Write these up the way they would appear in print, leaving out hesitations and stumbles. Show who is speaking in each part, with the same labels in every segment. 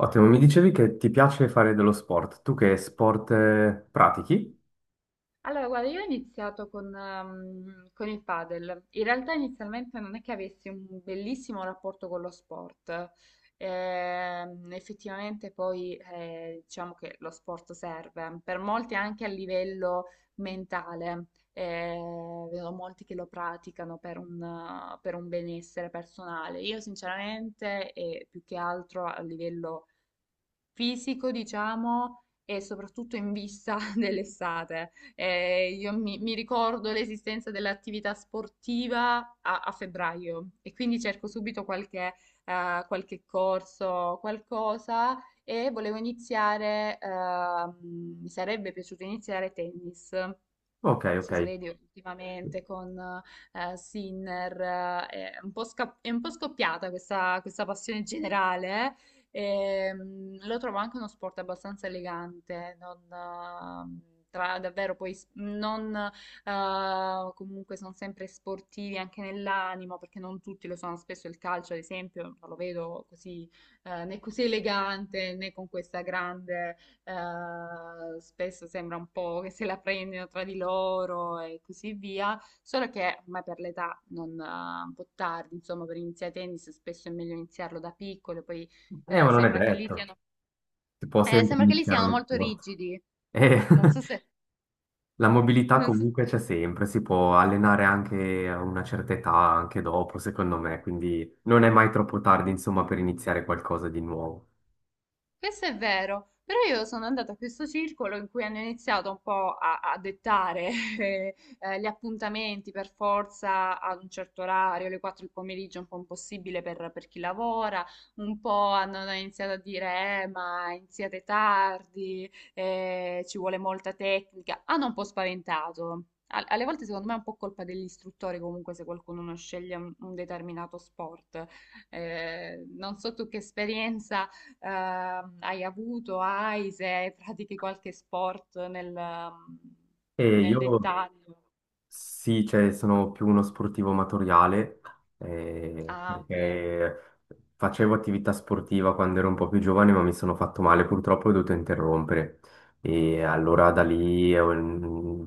Speaker 1: Ottimo, mi dicevi che ti piace fare dello sport. Tu che sport pratichi?
Speaker 2: Allora, guarda, io ho iniziato con il padel. In realtà inizialmente non è che avessi un bellissimo rapporto con lo sport. Effettivamente poi diciamo che lo sport serve per molti anche a livello mentale. Eh, Vedo molti che lo praticano per un benessere personale. Io sinceramente, e più che altro a livello fisico, diciamo, e soprattutto in vista dell'estate. Io mi ricordo l'esistenza dell'attività sportiva a febbraio e quindi cerco subito qualche, qualche corso, qualcosa e volevo iniziare, mi sarebbe piaciuto iniziare tennis.
Speaker 1: Ok,
Speaker 2: Non
Speaker 1: ok.
Speaker 2: so se vedi ultimamente con Sinner, è un po', è un po' scoppiata questa passione generale. Lo trovo anche uno sport abbastanza elegante, non, davvero poi non, comunque sono sempre sportivi anche nell'animo, perché non tutti lo sono. Spesso il calcio, ad esempio, non lo vedo così, né così elegante né con questa grande spesso sembra un po' che se la prendano tra di loro e così via, solo che ormai per l'età non, un po' tardi, insomma, per iniziare a tennis spesso è meglio iniziarlo da piccolo, poi
Speaker 1: Ma
Speaker 2: eh,
Speaker 1: non è
Speaker 2: sembra che lì
Speaker 1: detto.
Speaker 2: siano,
Speaker 1: Si può sempre
Speaker 2: sembra che lì
Speaker 1: iniziare
Speaker 2: siano
Speaker 1: uno
Speaker 2: molto
Speaker 1: sport.
Speaker 2: rigidi.
Speaker 1: Eh,
Speaker 2: Non so se,
Speaker 1: la mobilità
Speaker 2: non so
Speaker 1: comunque c'è sempre, si può allenare anche a una certa età, anche dopo, secondo me, quindi non è mai troppo tardi, insomma, per iniziare qualcosa di nuovo.
Speaker 2: Questo è vero, però io sono andata a questo circolo in cui hanno iniziato un po' a dettare eh, gli appuntamenti per forza ad un certo orario, alle 4 del pomeriggio, un po' impossibile per chi lavora, un po' hanno iniziato a dire ma iniziate tardi, ci vuole molta tecnica, hanno un po' spaventato. Alle volte secondo me è un po' colpa degli istruttori comunque se qualcuno non sceglie un determinato sport. Non so tu che esperienza hai avuto, hai, se pratichi qualche sport nel,
Speaker 1: E
Speaker 2: nel
Speaker 1: io
Speaker 2: dettaglio.
Speaker 1: sì, cioè, sono più uno sportivo amatoriale,
Speaker 2: Ah, ok.
Speaker 1: perché facevo attività sportiva quando ero un po' più giovane, ma mi sono fatto male, purtroppo ho dovuto interrompere. E allora da lì,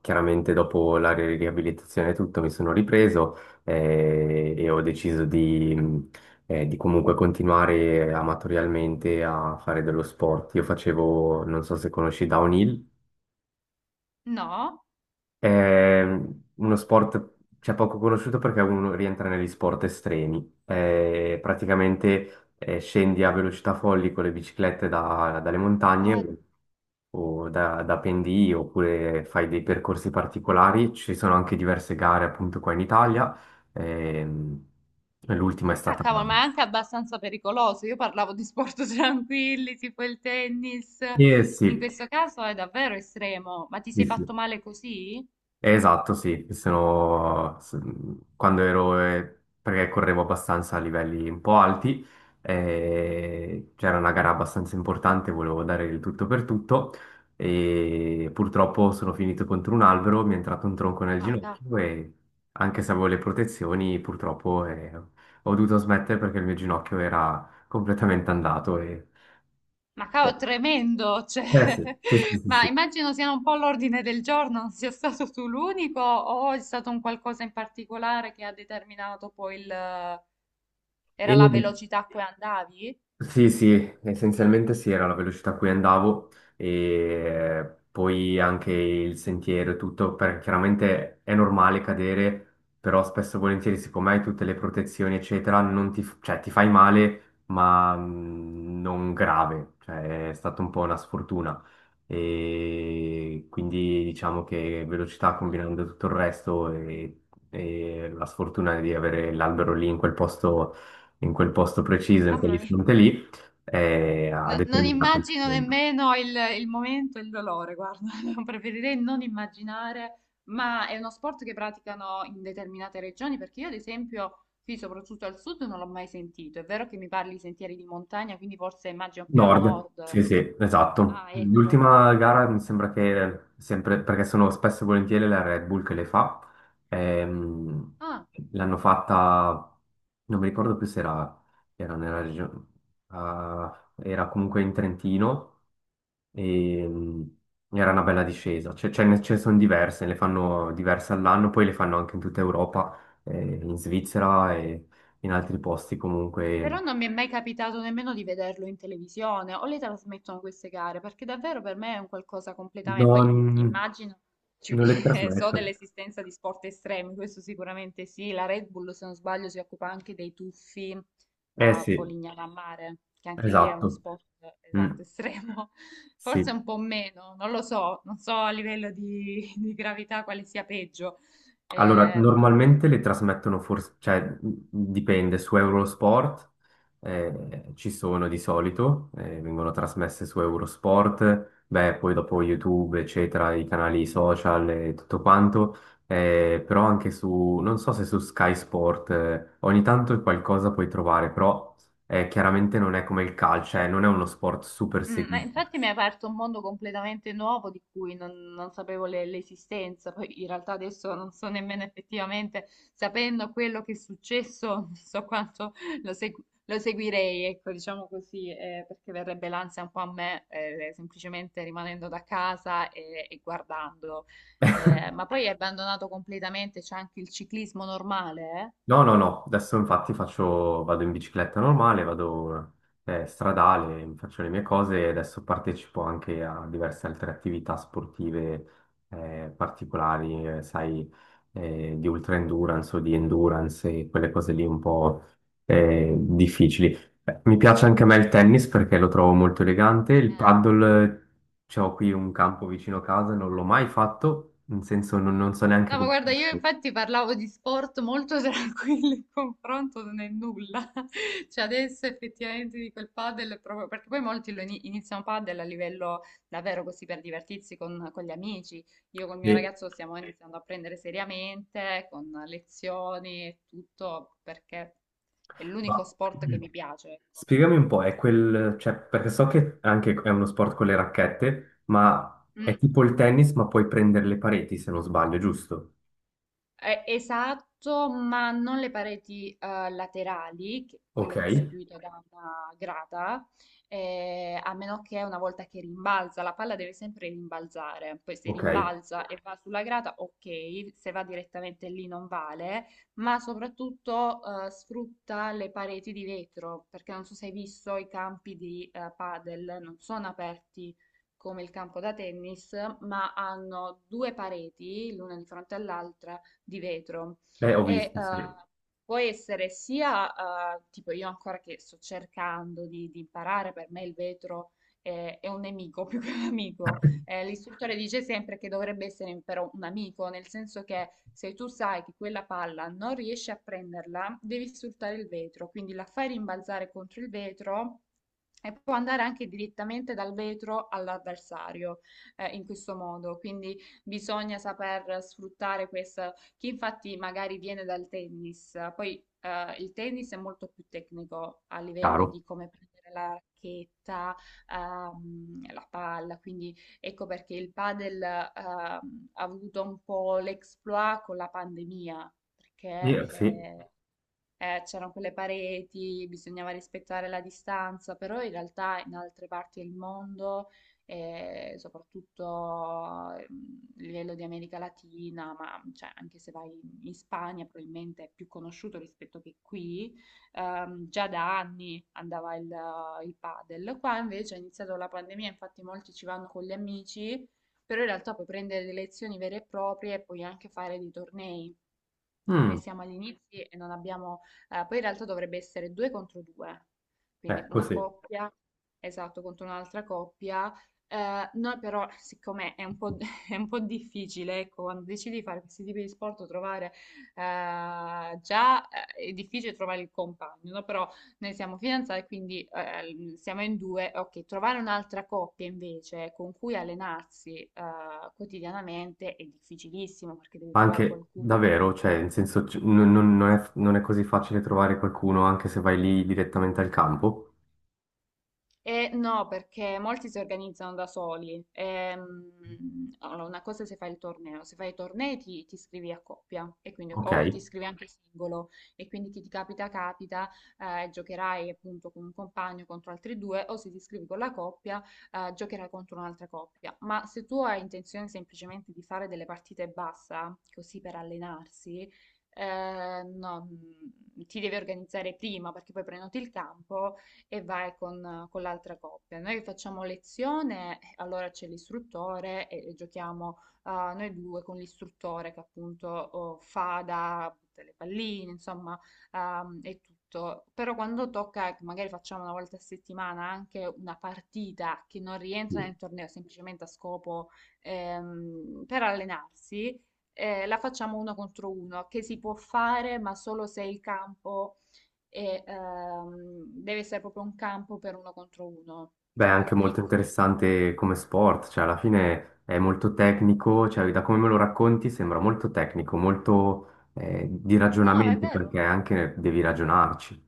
Speaker 1: chiaramente dopo la riabilitazione e tutto, mi sono ripreso, e ho deciso di, di comunque continuare amatorialmente a fare dello sport. Io facevo, non so se conosci Downhill.
Speaker 2: No?
Speaker 1: È uno sport, cioè, poco conosciuto perché uno rientra negli sport estremi. Praticamente scendi a velocità folli con le biciclette dalle
Speaker 2: Ah,
Speaker 1: montagne o da pendii oppure fai dei percorsi particolari. Ci sono anche diverse gare appunto qua in Italia. Ehm, l'ultima è
Speaker 2: ah,
Speaker 1: stata...
Speaker 2: cavolo, ma è anche abbastanza pericoloso. Io parlavo di sport tranquilli, tipo il tennis.
Speaker 1: Eh
Speaker 2: In
Speaker 1: sì,
Speaker 2: questo caso è davvero estremo. Ma ti
Speaker 1: sì,
Speaker 2: sei fatto
Speaker 1: sì.
Speaker 2: male così?
Speaker 1: Esatto, sì, quando ero, perché correvo abbastanza a livelli un po' alti, c'era una gara abbastanza importante, volevo dare il tutto per tutto e purtroppo sono finito contro un albero, mi è entrato un tronco nel
Speaker 2: Ah, cavolo.
Speaker 1: ginocchio e anche se avevo le protezioni, purtroppo ho dovuto smettere perché il mio ginocchio era completamente andato. E...
Speaker 2: Ma cavolo, tremendo, cioè,
Speaker 1: Eh sì, sì, sì, sì,
Speaker 2: ma
Speaker 1: sì.
Speaker 2: immagino siano un po' l'ordine del giorno, non sia stato tu l'unico o è stato un qualcosa in particolare che ha determinato poi Era
Speaker 1: E-
Speaker 2: la velocità a cui andavi?
Speaker 1: Sì, sì, essenzialmente sì, era la velocità a cui andavo e poi anche il sentiero e tutto, perché chiaramente è normale cadere, però spesso e volentieri, siccome hai tutte le protezioni, eccetera, non ti, f- cioè, ti fai male, ma non grave, cioè è stata un po' una sfortuna. E quindi diciamo che velocità combinando tutto il resto e la sfortuna di avere l'albero lì in quel posto preciso, in
Speaker 2: Mamma mia,
Speaker 1: quell'istante lì, a
Speaker 2: no, non
Speaker 1: determinate.
Speaker 2: immagino nemmeno il momento e il dolore, guarda, preferirei non immaginare, ma è uno sport che praticano in determinate regioni, perché io ad esempio qui, soprattutto al sud, non l'ho mai sentito, è vero che mi parli di sentieri di montagna, quindi forse immagino più al
Speaker 1: Nord,
Speaker 2: nord.
Speaker 1: sì, sì, esatto.
Speaker 2: Ah, ecco.
Speaker 1: L'ultima gara mi sembra che sempre, perché sono spesso e volentieri la Red Bull che le fa, ehm,
Speaker 2: Ah,
Speaker 1: l'hanno fatta, non mi ricordo più se era, era nella regione, ah, era comunque in Trentino e ehm, era una bella discesa. Cioè, ce ne sono diverse, ne fanno diverse all'anno, poi le fanno anche in tutta Europa, in Svizzera e in altri posti
Speaker 2: però
Speaker 1: comunque.
Speaker 2: non mi è mai capitato nemmeno di vederlo in televisione o le trasmettono queste gare, perché davvero per me è un qualcosa completamente. Poi
Speaker 1: Non.
Speaker 2: immagino, ci-
Speaker 1: Non le
Speaker 2: so
Speaker 1: trasmettono.
Speaker 2: dell'esistenza di sport estremi, questo sicuramente sì, la Red Bull se non sbaglio si occupa anche dei tuffi
Speaker 1: Eh
Speaker 2: a
Speaker 1: sì,
Speaker 2: Polignano a Mare, che anche lì è uno
Speaker 1: esatto.
Speaker 2: sport esatto
Speaker 1: Mm,
Speaker 2: estremo, forse
Speaker 1: sì.
Speaker 2: un po' meno, non lo so, non so a livello di gravità quale sia peggio.
Speaker 1: Allora,
Speaker 2: Ehm,
Speaker 1: normalmente le trasmettono forse, cioè dipende, su Eurosport ci sono di solito, vengono trasmesse su Eurosport, beh, poi dopo YouTube, eccetera, i canali social e tutto quanto, però anche su, non so se su Sky Sport, ogni tanto qualcosa puoi trovare, però chiaramente non è come il calcio, non è uno sport super
Speaker 2: Ma
Speaker 1: seguito.
Speaker 2: infatti mi hai aperto un mondo completamente nuovo di cui non sapevo l'esistenza, poi in realtà adesso non so nemmeno effettivamente, sapendo quello che è successo, non so quanto lo seguirei, ecco, diciamo così, perché verrebbe l'ansia un po' a me, semplicemente rimanendo da casa e guardandolo. Ma poi hai abbandonato completamente, c'è anche il ciclismo normale,
Speaker 1: No, no, no, adesso infatti faccio, vado in bicicletta normale, vado stradale, faccio le mie cose e adesso partecipo anche a diverse altre attività sportive particolari, sai, di ultra endurance o di endurance e quelle cose lì un po' difficili. Beh, mi piace anche a me il tennis perché lo trovo molto elegante, il
Speaker 2: eh?
Speaker 1: paddle, ho qui un campo vicino a casa, non l'ho mai fatto, nel senso non, non so neanche
Speaker 2: No, ma
Speaker 1: come...
Speaker 2: guarda, io infatti parlavo di sport molto tranquilli in confronto non è nulla. Cioè adesso effettivamente di quel padel, è proprio, perché poi molti lo iniziano padel a livello davvero così per divertirsi con gli amici. Io col mio
Speaker 1: Sì.
Speaker 2: ragazzo lo stiamo iniziando a prendere seriamente, con lezioni e tutto, perché è
Speaker 1: Ma-
Speaker 2: l'unico sport che mi piace, ecco.
Speaker 1: Spiegami un po', è quel, cioè, perché so che anche è uno sport con le racchette, ma è
Speaker 2: Mm.
Speaker 1: tipo il tennis, ma puoi prendere le pareti se non sbaglio, giusto?
Speaker 2: Esatto, ma non le pareti laterali,
Speaker 1: Ok,
Speaker 2: quelle costituite da una grata, a meno che una volta che rimbalza, la palla deve sempre rimbalzare, poi se
Speaker 1: ok.
Speaker 2: rimbalza e va sulla grata, ok, se va direttamente lì non vale, ma soprattutto sfrutta le pareti di vetro, perché non so se hai visto i campi di padel, non sono aperti come il campo da tennis, ma hanno due pareti, l'una di fronte all'altra di vetro
Speaker 1: Beh, ho
Speaker 2: e
Speaker 1: visto, sì.
Speaker 2: può essere sia, tipo io ancora che sto cercando di imparare, per me il vetro è un nemico più che un
Speaker 1: Ah,
Speaker 2: amico. L'istruttore dice sempre che dovrebbe essere però un amico, nel senso che se tu sai che quella palla non riesci a prenderla, devi sfruttare il vetro, quindi la fai rimbalzare contro il vetro. E può andare anche direttamente dal vetro all'avversario, in questo modo. Quindi bisogna saper sfruttare questo che infatti magari viene dal tennis. Poi il tennis è molto più tecnico a livello
Speaker 1: chiaro.
Speaker 2: di come prendere la racchetta, la palla, quindi ecco perché il padel ha avuto un po' l'exploit con la pandemia, perché
Speaker 1: Sì.
Speaker 2: c'erano quelle pareti, bisognava rispettare la distanza, però in realtà in altre parti del mondo, soprattutto a livello di America Latina, ma cioè, anche se vai in Spagna, probabilmente è più conosciuto rispetto che qui, già da anni andava il padel. Qua invece è iniziato la pandemia, infatti molti ci vanno con gli amici, però in realtà puoi prendere delle lezioni vere e proprie e puoi anche fare dei tornei. Noi
Speaker 1: Mm,
Speaker 2: siamo agli inizi e non abbiamo poi in realtà dovrebbe essere due contro due, quindi
Speaker 1: ecco,
Speaker 2: una
Speaker 1: sì.
Speaker 2: coppia, esatto, contro un'altra coppia. Noi però, siccome è un po', è un po' difficile, ecco, quando decidi di fare questi tipi di sport, trovare già è difficile trovare il compagno, no? Però noi siamo fidanzati, quindi siamo in due. Ok, trovare un'altra coppia invece con cui allenarsi quotidianamente è difficilissimo perché devi trovare
Speaker 1: Anche
Speaker 2: qualcuno.
Speaker 1: davvero, cioè, in senso, non è, non è così facile trovare qualcuno anche se vai lì direttamente al campo.
Speaker 2: No, perché molti si organizzano da soli. Allora, una cosa è se fai il torneo, se fai i tornei ti iscrivi a coppia e quindi,
Speaker 1: Ok.
Speaker 2: o ti iscrivi anche singolo e quindi chi ti capita capita, giocherai appunto con un compagno contro altri due o se ti iscrivi con la coppia giocherai contro un'altra coppia. Ma se tu hai intenzione semplicemente di fare delle partite bassa, così per allenarsi, no, ti devi organizzare prima perché poi prenoti il campo e vai con l'altra coppia. Noi facciamo lezione, allora c'è l'istruttore e giochiamo noi due con l'istruttore che appunto fa da butta le palline, insomma, e tutto. Però quando tocca, che magari facciamo una volta a settimana anche una partita che non rientra nel
Speaker 1: Sì.
Speaker 2: torneo, semplicemente a scopo per allenarsi la facciamo uno contro uno, che si può fare, ma solo se il campo deve essere proprio un campo per uno contro uno,
Speaker 1: Beh, è
Speaker 2: cioè
Speaker 1: anche
Speaker 2: più
Speaker 1: molto
Speaker 2: piccoli.
Speaker 1: interessante come sport, cioè alla fine è molto tecnico, cioè da come me lo racconti sembra molto tecnico, molto di
Speaker 2: No, ma è
Speaker 1: ragionamento
Speaker 2: vero.
Speaker 1: perché anche devi ragionarci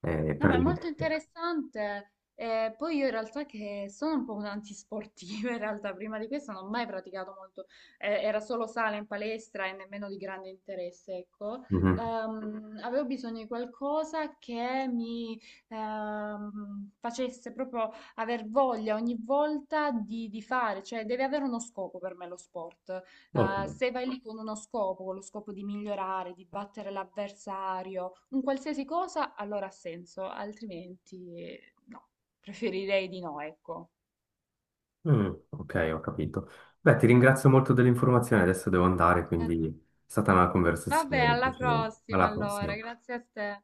Speaker 2: No,
Speaker 1: per
Speaker 2: ma è
Speaker 1: le...
Speaker 2: molto interessante. Poi io in realtà che sono un po' un'antisportiva, in realtà prima di questo non ho mai praticato molto, era solo sala in palestra e nemmeno di grande interesse, ecco.
Speaker 1: Mhm.
Speaker 2: Avevo bisogno di qualcosa che mi facesse proprio aver voglia ogni volta di fare, cioè deve avere uno scopo per me lo sport.
Speaker 1: Ok,
Speaker 2: Se vai lì con uno scopo, con lo scopo di migliorare, di battere l'avversario, un qualsiasi cosa allora ha senso, altrimenti no, preferirei di no, ecco.
Speaker 1: mm, ok, ho capito. Beh, ti ringrazio molto dell'informazione, adesso devo andare,
Speaker 2: Eh,
Speaker 1: quindi è stata una
Speaker 2: Vabbè,
Speaker 1: conversazione
Speaker 2: alla
Speaker 1: piacevole.
Speaker 2: prossima
Speaker 1: Alla
Speaker 2: allora,
Speaker 1: prossima.
Speaker 2: grazie a te.